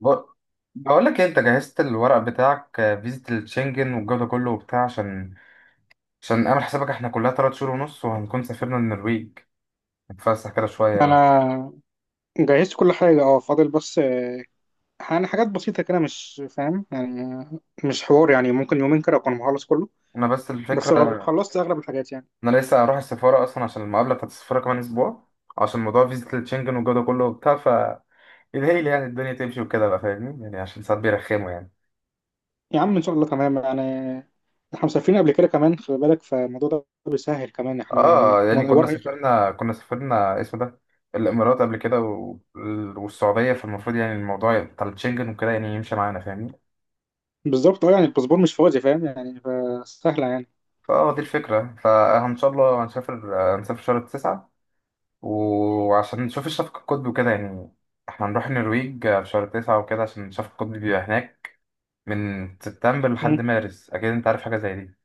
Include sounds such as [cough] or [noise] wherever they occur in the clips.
بق- بقول لك إيه، انت جهزت الورق بتاعك آه، فيزة الشنجن والجو ده كله وبتاع عشان اعمل حسابك، احنا كلها 3 شهور ونص وهنكون سافرنا النرويج نتفسح كده شوية بقى. انا جهزت كل حاجه، اه، فاضل بس. يعني حاجات بسيطه كده، مش فاهم يعني. مش حوار يعني، ممكن يومين كده اكون مخلص كله. انا بس الفكرة، بس خلصت اغلب الحاجات يعني. انا لسه هروح السفارة اصلا عشان المقابلة بتاعت السفارة كمان اسبوع، عشان موضوع فيزة الشنجن والجو ده كله وبتاع ف الهيل، يعني الدنيا تمشي وكده بقى فاهمني، يعني عشان ساعات بيرخموا يعني. يا عم، ان شاء الله تمام يعني. احنا مسافرين قبل كده كمان، خلي بالك فالموضوع ده بيسهل كمان. احنا اه يعني يعني كنا ورق. سافرنا كنا سافرنا اسمه ده الامارات قبل كده والسعودية، فالمفروض يعني الموضوع بتاع الشنجن وكده يعني يمشي معانا فاهمني. بالظبط، اه، يعني الباسبور مش فاضي، فاهم يعني، فسهله يعني. فاه دي الفكرة، فإن شاء الله هنسافر آه، هنسافر شهر 9، وعشان نشوف الشفق القطبي وكده يعني. احنا هنروح النرويج آه، في شهر 9 وكده عشان الشفق القطبي بيبقى هناك من سبتمبر لحد مم. مارس، أكيد أنت عارف حاجة زي دي.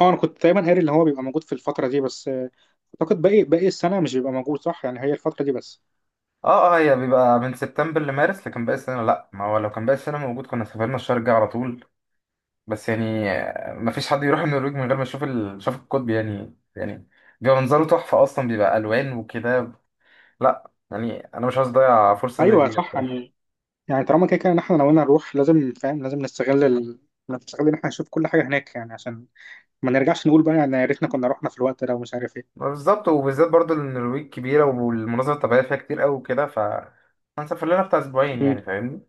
اه، انا كنت دايما قاري اللي هو بيبقى موجود في الفتره دي بس. اعتقد باقي السنه مش بيبقى موجود، صح؟ يعني هي الفتره دي بس. اه اه هي بيبقى من سبتمبر لمارس لكن باقي السنة لأ، ما هو لو كان باقي السنة موجود كنا سافرنا الشهر الجاي على طول. بس يعني آه، مفيش حد يروح النرويج من غير ما يشوف الشفق القطبي يعني يعني بيبقى منظره تحفة، أصلا بيبقى ألوان وكده. لأ يعني أنا مش عايز أضيع فرصة زي ايوه دي. صح يعني. يعني طالما كده كده ان احنا ناويين نروح، لازم، فاهم، لازم نستغل نستغل ان احنا نشوف كل حاجه هناك يعني، عشان ما نرجعش نقول بقى، يعني يا ريتنا كنا رحنا في الوقت ده ومش عارف ايه. ما بالظبط، وبالذات برضو إن النرويج كبيرة والمناظر الطبيعية فيها كتير قوي وكده، ف هنسافر لنا بتاع أسبوعين مم. يعني فاهمني.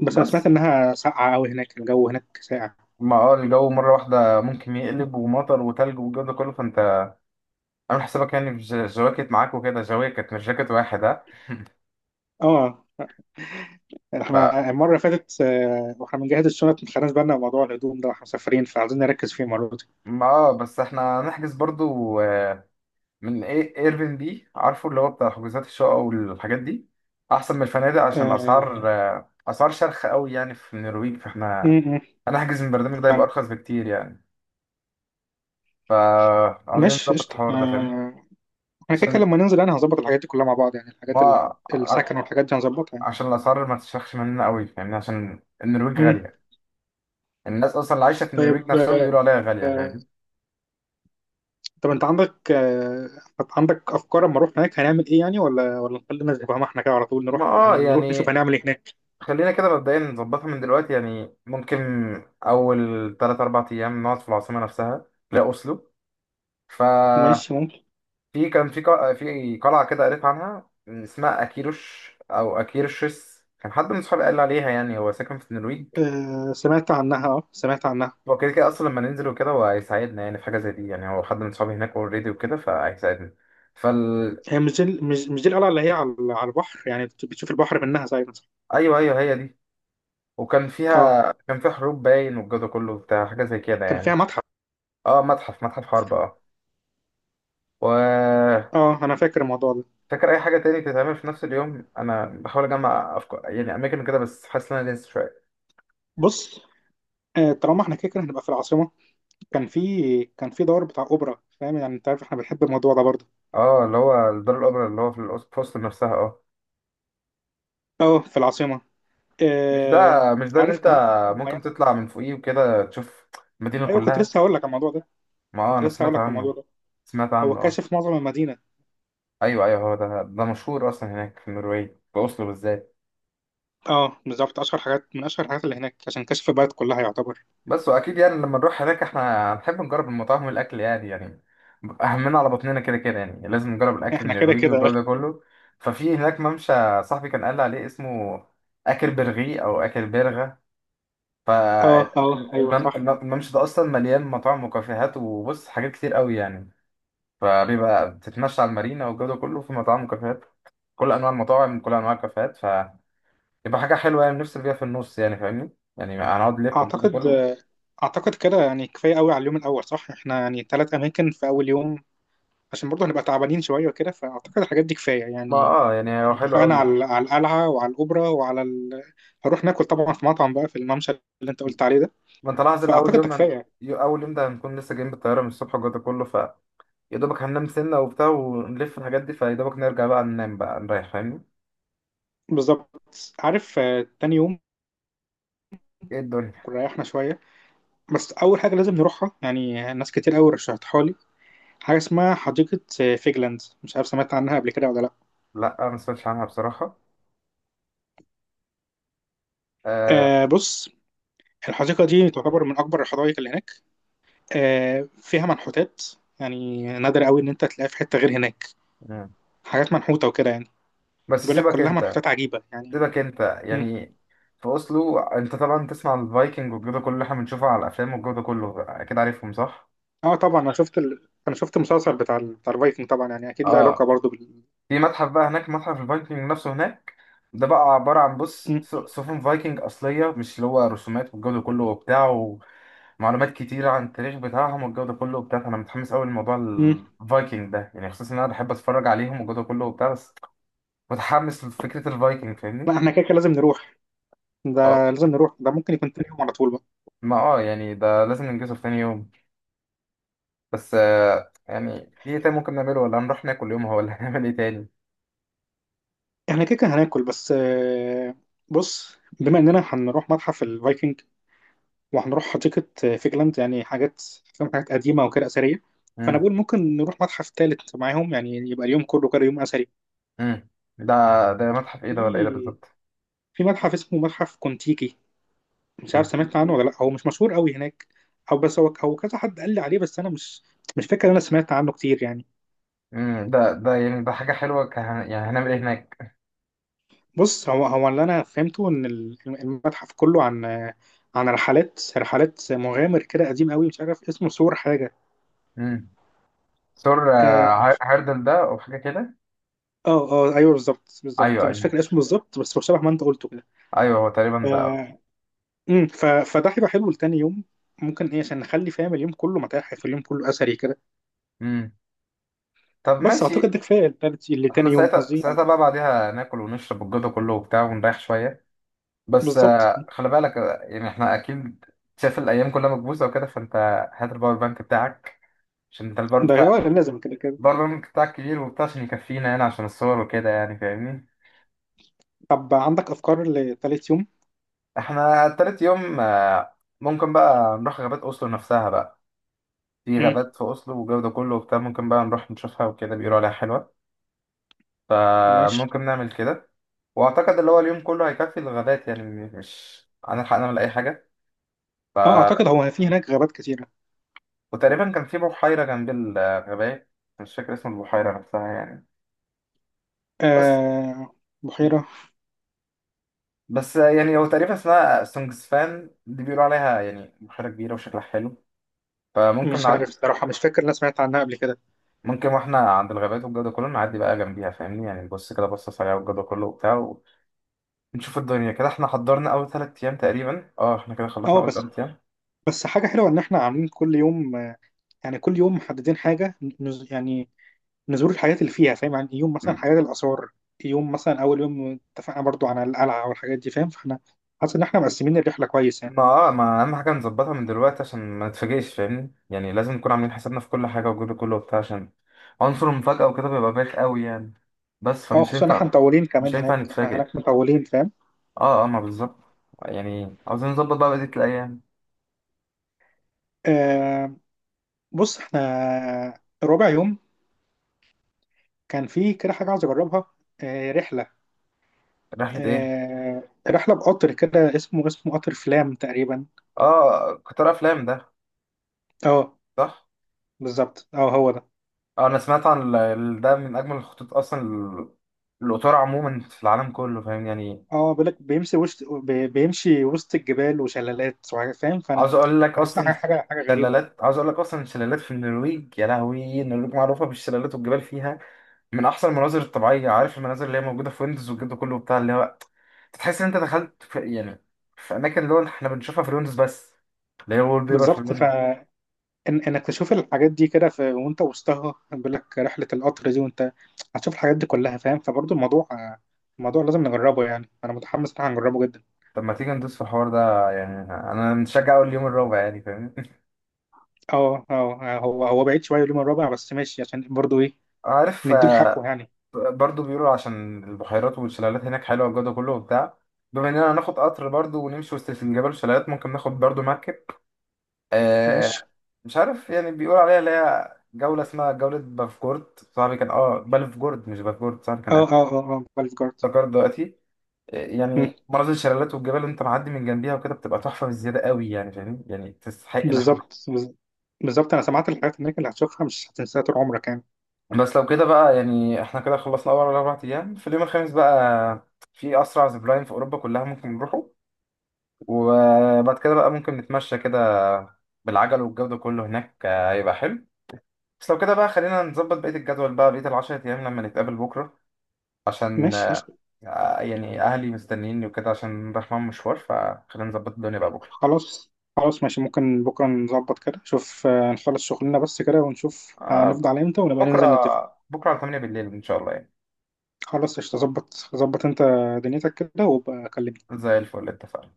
بس انا سمعت بس انها ساقعه قوي هناك، الجو هناك ساقع. ما اه الجو مرة واحدة ممكن يقلب ومطر وتلج والجو ده كله، فأنت عامل حسابك يعني في جواكت معاك وكده، جواكت مش جاكيت واحد ها [laughs] اه، احنا المره اللي فاتت، آه، واحنا بنجهز الشنط، ما خدناش بالنا من موضوع الهدوم ده، واحنا مسافرين فعايزين نركز فيه المره دي. ما اه بس احنا هنحجز برضو آه، من ايه ايربن بي، عارفه اللي هو بتاع حجوزات الشقق والحاجات دي، احسن من الفنادق عشان آه. الاسعار آه، اسعار شرخ قوي يعني في النرويج، م- فاحنا م، هنحجز من البرنامج ده يبقى فعلا. ارخص بكتير يعني. فعاوزين مش نظبط قشطه، الحوار ده فاهم، آه، احنا كده كده عشان لما ننزل انا هظبط الحاجات دي كلها مع بعض يعني. الحاجات ما ع- السكن والحاجات دي هنظبطها يعني. عشان الأسعار ما تشرخش مننا قوي فاهمني، عشان النرويج م. غالية. الناس أصلا اللي عايشة في النرويج طيب. نفسهم بيقولوا عليها غالية فاهم. طب انت عندك، آه، عندك افكار اما اروح هناك هنعمل ايه يعني؟ ولا نخلينا زي ما احنا كده، على طول ما نروح، اه يعني نروح نشوف يعني هنعمل ايه هناك. خلينا كده مبدئيا نظبطها من دلوقتي يعني، ممكن أول 3 أو 4 أيام نقعد في العاصمة نفسها، لا أوسلو. ففي ماشي ممكن. كان في قلعة كده قريت عنها اسمها أكيروش أو أكيرشس، كان حد من صحابي قال لي عليها يعني، هو ساكن في النرويج. آه سمعت عنها، اه سمعت عنها. هو كده كده اصلا لما ننزل وكده هو هيساعدنا يعني في حاجه زي دي، يعني هو حد من صحابي هناك اوريدي وكده فهيساعدنا. فال هي مش دي، مش دي القلعه اللي هي على البحر، يعني بتشوف البحر منها زي مثلا. ايوه ايوه هي دي. وكان اه، فيها كان فيها حروب باين والجو ده كله بتاع، حاجه زي كده كان فيها يعني. متحف. اه، متحف حرب اه. و اه، انا فاكر الموضوع ده. فاكر اي حاجه تاني تتعمل في نفس اليوم، انا بحاول اجمع افكار يعني اماكن كده، بس حاسس ان انا لسه شويه. بص، آه، طالما احنا كده كده هنبقى في العاصمه، كان في دور بتاع اوبرا، فاهم يعني؟ انت عارف احنا بنحب الموضوع ده برضه. اه اللي هو الدار الاوبرا اللي هو في في وسط نفسها اه. اه، في العاصمه. مش ده آه، مش ده اللي عارف انت، كمان في حاجه ممكن مميزه. تطلع من فوقيه وكده تشوف المدينه ايوه، كنت كلها. لسه هقول لك على الموضوع ده. ما اه كنت انا لسه هقول سمعت لك عنه الموضوع ده، سمعت هو عنه اه. كاشف معظم المدينة. ايوه ايوه هو ده، ده مشهور اصلا هناك في النرويج في اوسلو بالذات. اه بالظبط، اشهر حاجات، من اشهر الحاجات اللي هناك، عشان كشف البلد كلها يعتبر. بس واكيد يعني لما نروح هناك احنا هنحب نجرب المطاعم والاكل يعني يعني اهمنا على بطننا كده كده يعني، لازم نجرب [laughs] الاكل احنا كده النرويجي والجو كده. ده كله. ففي هناك ممشى، صاحبي كان قال لي عليه اسمه اكل برغي او اكل برغة، اه، اه، ايوه صح. فالممشى ده اصلا مليان مطاعم وكافيهات وبص حاجات كتير قوي يعني. فبيبقى بتتمشى على المارينا والجو ده كله، في مطاعم وكافيهات، كل انواع المطاعم، كل انواع الكافيهات، يبقى حاجة حلوة يعني نفصل بيها في النص يعني فاهمني. يعني هنقعد نلف والجو ده اعتقد كله. اعتقد كده، يعني كفاية قوي على اليوم الاول، صح؟ احنا يعني 3 اماكن في اول يوم، عشان برضه هنبقى تعبانين شوية وكده، فاعتقد الحاجات دي كفاية ما يعني. اه يعني هو احنا حلو اتفقنا قوي يعني. على القلعة وعلى الاوبرا وعلى هنروح ناكل طبعا في مطعم بقى في الممشى اللي انت قلت عليه ده. ما انت لاحظ الأول فاعتقد ده يوم هن... كفاية. أول يوم ده هنكون لسه جايين بالطيارة من الصبح والجو ده كله، فيا دوبك هننام سنة وبتاع ونلف الحاجات دي، فيا دوبك نرجع بقى ننام بقى نريح فاهمني. بالظبط. عارف، آه، تاني يوم ايه الدنيا. كنا ريحنا شوية، بس اول حاجه لازم نروحها، يعني ناس كتير قوي رشحتها لي حاجه اسمها حديقه فيجلاند، مش عارف سمعت عنها قبل كده ولا لا. لا أنا ما سمعتش عنها بصراحة آه... آه بص، الحديقه دي تعتبر من اكبر الحدائق اللي هناك، آه، فيها منحوتات، يعني نادر قوي ان انت تلاقيها في حته غير هناك. مم. حاجات منحوته وكده يعني، بس بيقول لك سيبك كلها انت منحوتات عجيبه يعني. سيبك انت مم. يعني. في أوسلو انت طبعا تسمع الفايكنج والجو ده كله اللي احنا بنشوفه على الأفلام والجو ده كله، أكيد عارفهم صح؟ اه، طبعا انا شفت المسلسل بتاع الفايكنج طبعا يعني اكيد له علاقه اه برضه بال. في متحف بقى هناك، متحف الفايكنج نفسه هناك، ده بقى عبارة عن بص مم. سفن فايكنج أصلية مش اللي هو رسومات والجو ده كله وبتاع، ومعلومات كتيرة عن التاريخ بتاعهم والجو ده كله وبتاع، فأنا متحمس أوي لموضوع مم. الفايكنج ده يعني، خصوصا إن أنا بحب أتفرج عليهم والجو ده كله وبتاع، بس متحمس لفكرة الفايكنج فاهمني؟ لا، احنا كده كده لازم نروح. اه ده لازم نروح، ده ممكن يكون تاني يوم على طول بقى. ما اه يعني ده لازم ننجزه في تاني يوم. بس آه، يعني في إيه تاني ممكن نعمله، ولا هنروح ناكل يومها، ولا [laughs] هنعمل إيه تاني؟ احنا كده كده هناكل بس، آه، بص، بما اننا هنروح متحف الفايكنج وهنروح حديقة، آه، فيجلاند، يعني حاجات، فاهم، حاجات قديمة وكده أثرية. فأنا مم. بقول ممكن نروح متحف تالت معاهم، يعني يبقى اليوم كله كده يوم أثري. مم. ده ده متحف إيه ده ولا إيه ده في بالظبط؟ في متحف اسمه متحف كونتيكي، مش عارف كنت سمعت عنه ولا لأ، هو مش مشهور قوي هناك. أو بس هو كذا حد قال لي عليه، بس أنا مش فاكر إن أنا سمعت عنه كتير يعني. امم. ده يعني ده حاجة حلوة ك... يعني هنعمل ايه هناك؟ بص، هو اللي انا فهمته ان المتحف كله عن، رحلات، مغامر كده قديم قوي، مش عارف اسمه سور حاجه. امم سور اه، هيردل ده او حاجة كده؟ اه، آه، ايوه بالظبط بالظبط، ايوه مش ايوه، فاكر اسمه بالظبط، بس هو شبه ما انت قلته كده. ايوه هو ف... تقريبا ده. مم، ف... فده هيبقى حلو لتاني يوم. ممكن ايه، عشان نخلي فاهم، اليوم كله متاحف، اليوم كله اثري كده. امم طب بس اعتقد ماشي. ده كفايه احنا لتاني يوم ساعتها قصدي ساعتها يعني. بقى بعديها ناكل ونشرب الجو ده كله وبتاع ونريح شوية. بس بالظبط، آه، خلي بالك آه، يعني احنا اكيد شايف الايام كلها مكبوسة وكده، فانت هات الباور بانك بتاعك، عشان انت الباور ده، بتاع اه، لازم كده كده. الباور بانك بتاعك كبير وبتاع عشان يكفينا هنا عشان الصور وكده يعني فاهمني؟ طب عندك افكار لتالت يوم؟ احنا تالت يوم آه، ممكن بقى نروح غابات اوسلو نفسها بقى، في مم، غابات في أصله والجو ده كله وبتاع، ممكن بقى نروح نشوفها وكده بيقولوا عليها حلوة، ماشي. فممكن نعمل كده. وأعتقد اللي هو اليوم كله هيكفي الغابات يعني، مش هنلحق نعمل أي حاجة ف... اه، اعتقد هو في هناك غابات كتيره. وتقريبا كان في بحيرة جنب الغابات، مش فاكر اسم البحيرة نفسها يعني، بس آه، بحيرة، بس يعني هو تقريبا اسمها سونجسفان دي، بيقولوا عليها يعني بحيرة كبيرة وشكلها حلو، فممكن مش عارف نعدي صراحة، مش فاكر انا سمعت عنها قبل كده. ممكن واحنا عند الغابات والجو ده كله نعدي بقى جنبيها فاهمني، يعني نبص كده بصة سريعة والجو ده كله وبتاع نشوف الدنيا كده. احنا حضرنا اول 3 ايام تقريبا، اه احنا كده خلصنا اه اول بس، 3 ايام. بس حاجة حلوة ان احنا عاملين كل يوم، آه، يعني كل يوم محددين حاجة يعني نزور الحاجات اللي فيها، فاهم؟ يعني يوم مثلا م- حاجات الآثار، يوم مثلا أول يوم اتفقنا برضو على القلعة والحاجات دي، فاهم؟ فاحنا حاسس ان احنا مقسمين الرحلة كويس يعني. ما اه ما اهم حاجه نظبطها من دلوقتي عشان ما نتفاجئش فاهمني، يعني لازم نكون عاملين حسابنا في كل حاجه وجود كله وبتاع، عشان عنصر المفاجاه وكده بيبقى بايخ قوي يعني. بس اه، فمش خصوصا ان احنا ينفع، مطولين مش كمان ينفع هناك، احنا نتفاجئ. هناك مطولين فاهم. اه اه ما بالظبط، يعني عاوزين نظبط بقى بقيه الايام. آه بص، احنا رابع يوم كان في كده حاجة عايز اجربها، آه، رحلة، رحله ايه. آه، رحلة بقطر كده، اسمه قطر فلام تقريبا. اه قطار افلام ده اه صح. بالظبط، اه هو ده. اه انا سمعت عن ده من اجمل الخطوط اصلا القطار عموما في العالم كله فاهم يعني. اه بيقول لك بيمشي وسط، بيمشي وسط الجبال وشلالات وحاجات، فاهم. فانا عاوز اقول لك حاسسها اصلا، حاجة حاجة حاجة غريبة. شلالات عاوز اقول لك اصلا الشلالات في النرويج يا لهوي، النرويج معروفه بالشلالات والجبال فيها من احسن المناظر الطبيعيه، عارف المناظر اللي هي موجوده في ويندوز والجو ده كله بتاع اللي هو تحس ان انت دخلت في يعني في اماكن اللي هو احنا بنشوفها في ويندوز بس، اللي هي وول بيبر في بالظبط، ويندوز. فانك تشوف الحاجات دي كده وانت وسطها، بيقول لك رحلة القطر دي، وانت هتشوف الحاجات دي كلها، فاهم. فبرضه الموضوع، لازم نجربه يعني، انا متحمس ان هنجربه جدا. طب ما تيجي ندوس في الحوار ده يعني، انا متشجع اول يوم الرابع يعني فاهمني. اه، اه، هو بعيد شوية اليوم الرابع، بس ماشي عشان برضه ايه، [laughs] عارف نديله حقه آه، يعني. برضو بيقولوا عشان البحيرات والشلالات هناك حلوه والجو ده كله وبتاع، بما اننا هناخد قطر برضو ونمشي وسط الجبال والشلالات ممكن ناخد برضو مركب آه، ماشي. مش عارف يعني بيقول عليها اللي هي جولة اسمها جولة بافجورد، صاحبي كان اه بلفجورد مش بافجورد صاحبي كان اه، قال، اه، اه، اه، باليف جارد. افتكرت دلوقتي. إيه، مم. يعني مناظر الشلالات والجبال اللي انت معدي من جنبيها وكده بتبقى تحفة بزيادة قوي يعني فاهمني، يعني تستحق لحم. بالظبط، بالظبط، انا سمعت الحاجات هناك اللي هتشوفها مش هتنساها طول عمرك يعني. بس لو كده بقى يعني احنا كده خلصنا اول 4 ايام، في اليوم الـ5 بقى في اسرع زيب لاين في اوروبا كلها ممكن نروحه، وبعد كده بقى ممكن نتمشى كده بالعجل والجو ده كله هناك آه، هيبقى حلو. بس لو كده بقى خلينا نظبط بقية الجدول بقى بقية الـ10 أيام لما نتقابل بكرة، عشان ماشي آه، قشطة. يعني اهلي مستنيني وكده عشان رايح معاهم مشوار، فخلينا نظبط الدنيا بقى بكره. خلاص. خلاص ماشي، ممكن بكره نظبط كده، شوف، آه، نخلص شغلنا بس كده ونشوف هنفضل آه، على امتى ونبقى بكره، ننزل نتفق. بكره على 8 بالليل ان شاء الله يعني. خلاص قشطة، ظبط ظبط انت دنيتك كده وابقى كلمني. زي الفل اتفقنا.